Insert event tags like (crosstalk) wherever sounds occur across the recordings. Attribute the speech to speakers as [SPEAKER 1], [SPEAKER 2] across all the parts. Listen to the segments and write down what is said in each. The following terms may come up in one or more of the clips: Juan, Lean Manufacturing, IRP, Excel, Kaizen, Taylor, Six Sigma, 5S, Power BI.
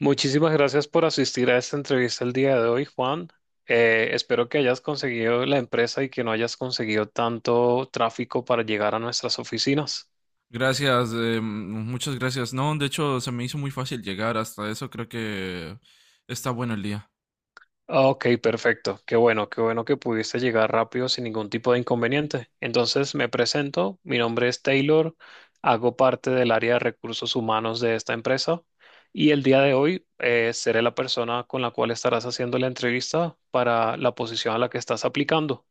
[SPEAKER 1] Muchísimas gracias por asistir a esta entrevista el día de hoy, Juan. Espero que hayas conseguido la empresa y que no hayas conseguido tanto tráfico para llegar a nuestras oficinas.
[SPEAKER 2] Gracias, muchas gracias. No, de hecho, se me hizo muy fácil llegar hasta eso. Creo que está bueno el día.
[SPEAKER 1] Ok, perfecto. Qué bueno que pudiste llegar rápido sin ningún tipo de inconveniente. Entonces, me presento. Mi nombre es Taylor. Hago parte del área de recursos humanos de esta empresa y el día de hoy seré la persona con la cual estarás haciendo la entrevista para la posición a la que estás aplicando.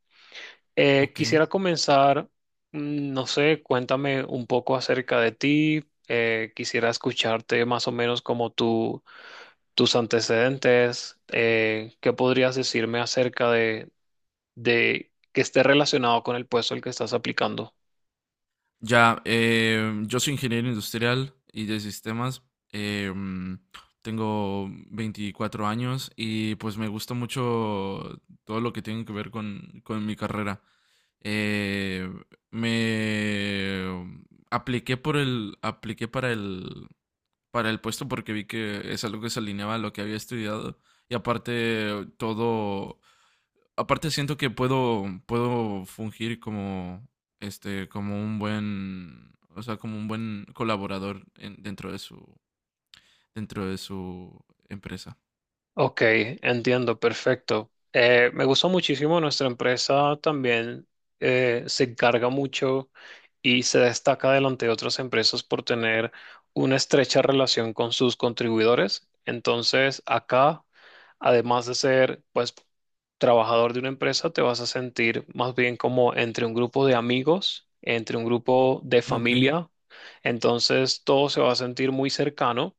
[SPEAKER 2] Ok.
[SPEAKER 1] Quisiera comenzar, no sé, cuéntame un poco acerca de ti. Quisiera escucharte más o menos como tus antecedentes. ¿Qué podrías decirme acerca de que esté relacionado con el puesto al que estás aplicando?
[SPEAKER 2] Ya, yo soy ingeniero industrial y de sistemas. eh, mm, Tengo 24 años y pues me gusta mucho todo lo que tiene que ver con mi carrera. Eh, me apliqué por el, Apliqué para el puesto porque vi que es algo que se alineaba a lo que había estudiado. Y aparte, todo. Aparte, siento que puedo fungir como, como un buen, o sea, como un buen colaborador dentro de dentro de su empresa.
[SPEAKER 1] Ok, entiendo, perfecto. Me gustó muchísimo nuestra empresa también se encarga mucho y se destaca delante de otras empresas por tener una estrecha relación con sus contribuidores. Entonces, acá, además de ser pues trabajador de una empresa, te vas a sentir más bien como entre un grupo de amigos, entre un grupo de
[SPEAKER 2] Ok.
[SPEAKER 1] familia. Entonces, todo se va a sentir muy cercano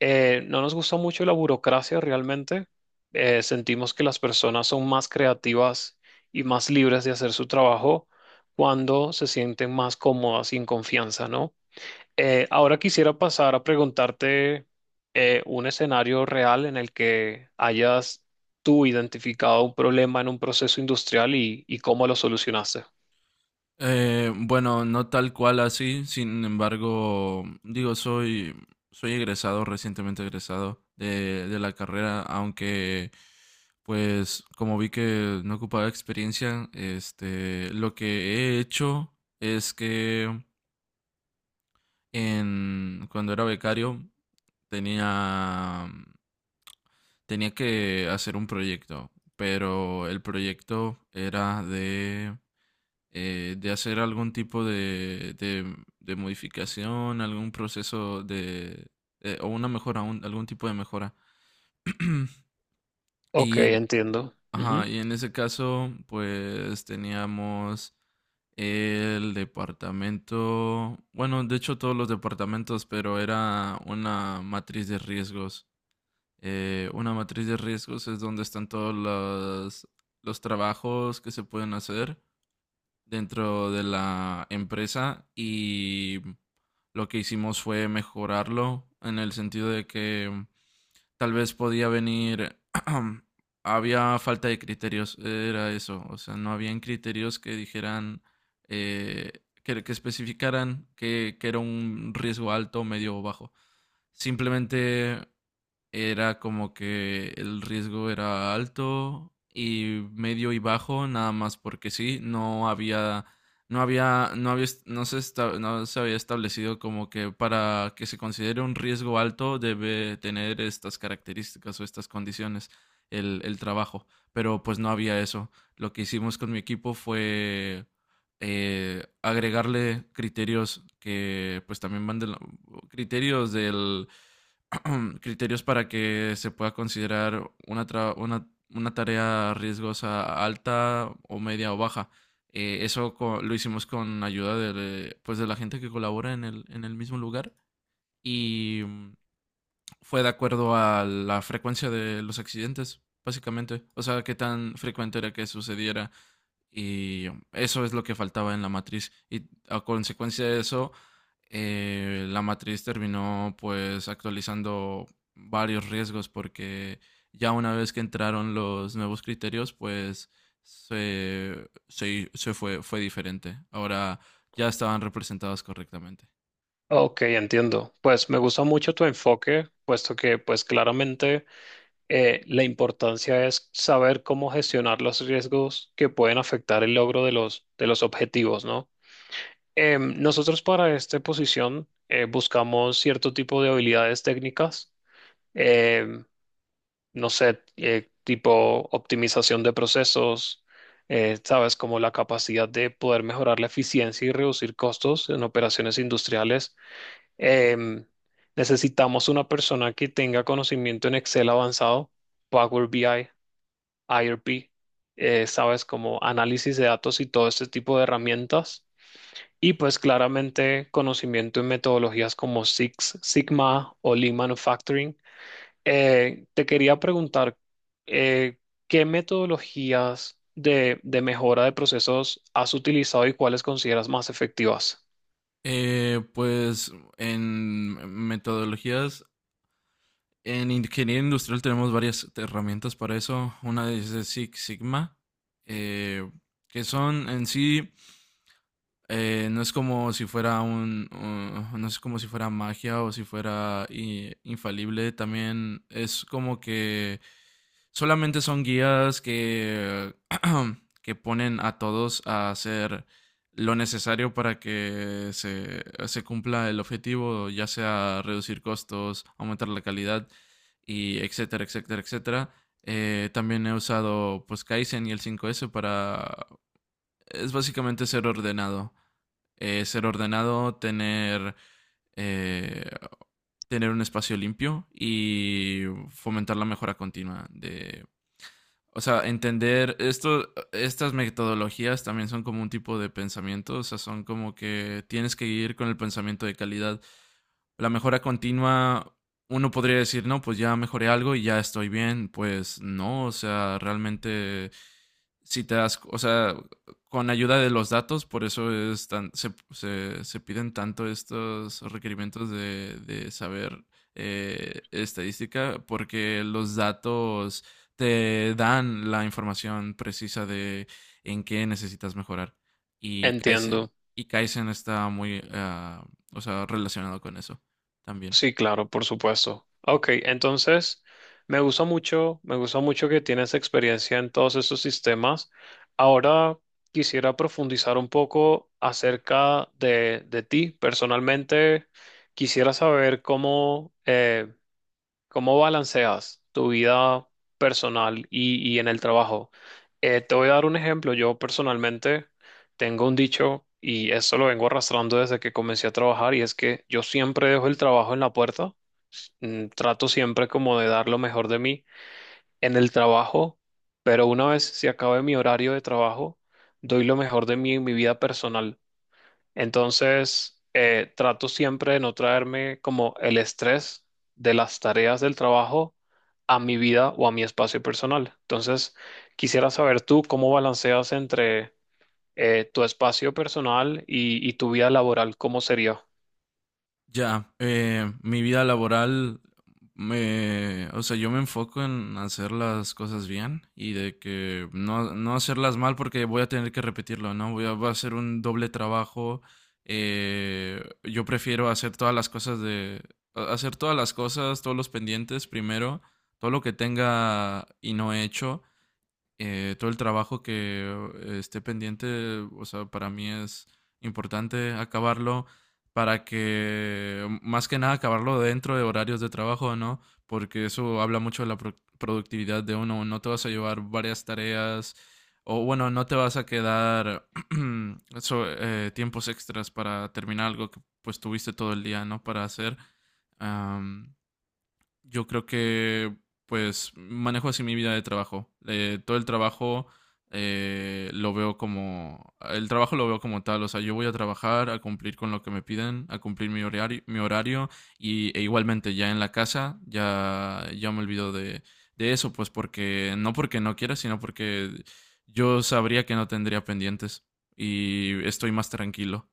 [SPEAKER 1] no nos gusta mucho la burocracia realmente. Sentimos que las personas son más creativas y más libres de hacer su trabajo cuando se sienten más cómodas y en confianza, ¿no? Ahora quisiera pasar a preguntarte un escenario real en el que hayas tú identificado un problema en un proceso industrial y cómo lo solucionaste.
[SPEAKER 2] Bueno, no tal cual así, sin embargo, digo, soy egresado, recientemente egresado de la carrera, aunque pues como vi que no ocupaba experiencia, este, lo que he hecho es que cuando era becario tenía, tenía que hacer un proyecto, pero el proyecto era de hacer algún tipo de modificación, algún proceso de, o una mejora, algún tipo de mejora.
[SPEAKER 1] Ok,
[SPEAKER 2] Y en,
[SPEAKER 1] entiendo. Ujú.
[SPEAKER 2] ajá, y en ese caso, pues teníamos el departamento, bueno, de hecho todos los departamentos, pero era una matriz de riesgos. Una matriz de riesgos es donde están los trabajos que se pueden hacer dentro de la empresa y lo que hicimos fue mejorarlo en el sentido de que tal vez podía venir, (clears throat) había falta de criterios, era eso, o sea, no habían criterios que dijeran, eh, que especificaran que era un riesgo alto, medio o bajo. Simplemente era como que el riesgo era alto y medio y bajo, nada más porque sí, no había, no se había establecido como que para que se considere un riesgo alto debe tener estas características o estas condiciones el trabajo, pero pues no había eso. Lo que hicimos con mi equipo fue agregarle criterios que pues también van criterios del (clears throat) criterios para que se pueda considerar una tarea riesgosa alta o media o baja. Lo hicimos con ayuda de, pues, de la gente que colabora en el mismo lugar y fue de acuerdo a la frecuencia de los accidentes, básicamente. O sea, qué tan frecuente era que sucediera y eso es lo que faltaba en la matriz. Y a consecuencia de eso la matriz terminó pues actualizando varios riesgos porque ya una vez que entraron los nuevos criterios, pues se fue, fue diferente. Ahora ya estaban representadas correctamente.
[SPEAKER 1] Ok, entiendo. Pues me gusta mucho tu enfoque, puesto que pues claramente la importancia es saber cómo gestionar los riesgos que pueden afectar el logro de los objetivos, ¿no? Nosotros para esta posición buscamos cierto tipo de habilidades técnicas, em, no sé, tipo optimización de procesos, sabes, como la capacidad de poder mejorar la eficiencia y reducir costos en operaciones industriales. Em, Necesitamos una persona que tenga conocimiento en Excel avanzado, Power BI IRP, sabes, como análisis de datos y todo este tipo de herramientas. Y pues claramente conocimiento en metodologías como Six Sigma o Lean Manufacturing. Te quería preguntar, eh, ¿qué metodologías de mejora de procesos has utilizado y cuáles consideras más efectivas?
[SPEAKER 2] Pues en metodologías, en ingeniería industrial tenemos varias herramientas para eso. Una es de Six Sigma, eh, que son en sí no es como si fuera un, no es como si fuera magia o si fuera infalible. También es como que solamente son guías que, (clears throat) que ponen a todos a hacer lo necesario para que se cumpla el objetivo, ya sea reducir costos, aumentar la calidad y etcétera, etcétera, etcétera. También he usado pues Kaizen y el 5S para, es básicamente ser ordenado, eh, tener un espacio limpio y fomentar la mejora continua de o sea, entender esto, estas metodologías también son como un tipo de pensamiento, o sea, son como que tienes que ir con el pensamiento de calidad. La mejora continua, uno podría decir, no, pues ya mejoré algo y ya estoy bien. Pues no, o sea, realmente, si te das, o sea, con ayuda de los datos, por eso es tan, se piden tanto estos requerimientos de saber estadística, porque los datos te dan la información precisa de en qué necesitas mejorar. Y Kaizen,
[SPEAKER 1] Entiendo.
[SPEAKER 2] y Kaizen está muy o sea, relacionado con eso también.
[SPEAKER 1] Sí, claro, por supuesto. Ok, entonces me gustó mucho que tienes experiencia en todos estos sistemas. Ahora quisiera profundizar un poco acerca de ti. Personalmente, quisiera saber cómo, ¿cómo balanceas tu vida personal y en el trabajo? Te voy a dar un ejemplo. Yo personalmente tengo un dicho y eso lo vengo arrastrando desde que comencé a trabajar y es que yo siempre dejo el trabajo en la puerta. Trato siempre como de dar lo mejor de mí en el trabajo, pero una vez se acabe mi horario de trabajo, doy lo mejor de mí en mi vida personal. Entonces, trato siempre de no traerme como el estrés de las tareas del trabajo a mi vida o a mi espacio personal. Entonces, quisiera saber tú cómo balanceas entre tu espacio personal y tu vida laboral, ¿cómo sería?
[SPEAKER 2] Ya, Mi vida laboral o sea, yo me enfoco en hacer las cosas bien y de que no hacerlas mal porque voy a tener que repetirlo, ¿no? Va a ser un doble trabajo. Yo prefiero hacer todas las cosas hacer todas las cosas, todos los pendientes primero, todo lo que tenga y no he hecho todo el trabajo que esté pendiente, o sea, para mí es importante acabarlo para que más que nada, acabarlo dentro de horarios de trabajo, ¿no? Porque eso habla mucho de la productividad de uno. No te vas a llevar varias tareas o, bueno, no te vas a quedar (clears throat) tiempos extras para terminar algo que pues tuviste todo el día, ¿no? Para hacer. Yo creo que pues manejo así mi vida de trabajo. Todo el trabajo lo veo como, el trabajo lo veo como tal, o sea, yo voy a trabajar, a cumplir con lo que me piden, a cumplir mi horario y, e igualmente ya en la casa ya me olvido de eso, pues porque no quiera, sino porque yo sabría que no tendría pendientes y estoy más tranquilo,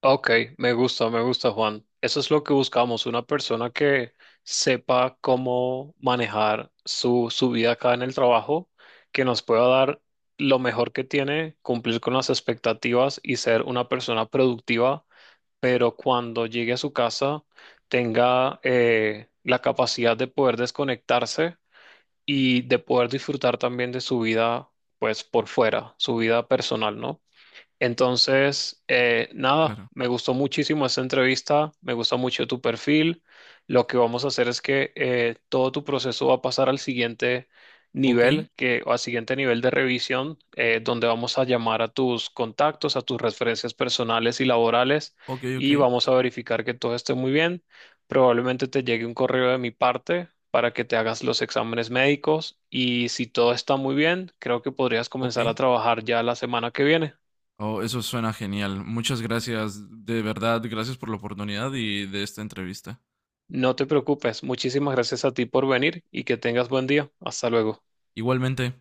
[SPEAKER 1] Ok, me gusta, Juan. Eso es lo que buscamos, una persona que sepa cómo manejar su, su vida acá en el trabajo, que nos pueda dar lo mejor que tiene, cumplir con las expectativas y ser una persona productiva, pero cuando llegue a su casa tenga la capacidad de poder desconectarse y de poder disfrutar también de su vida, pues por fuera, su vida personal, ¿no? Entonces, nada,
[SPEAKER 2] claro.
[SPEAKER 1] me gustó muchísimo esta entrevista, me gustó mucho tu perfil. Lo que vamos a hacer es que todo tu proceso va a pasar al siguiente
[SPEAKER 2] Ok,
[SPEAKER 1] nivel, que, o al siguiente nivel de revisión, donde vamos a llamar a tus contactos, a tus referencias personales y laborales,
[SPEAKER 2] ok, ok,
[SPEAKER 1] y vamos a verificar que todo esté muy bien. Probablemente te llegue un correo de mi parte para que te hagas los exámenes médicos y si todo está muy bien, creo que podrías
[SPEAKER 2] ok.
[SPEAKER 1] comenzar a trabajar ya la semana que viene.
[SPEAKER 2] Oh, eso suena genial. Muchas gracias, de verdad, gracias por la oportunidad y de esta entrevista.
[SPEAKER 1] No te preocupes, muchísimas gracias a ti por venir y que tengas buen día. Hasta luego.
[SPEAKER 2] Igualmente.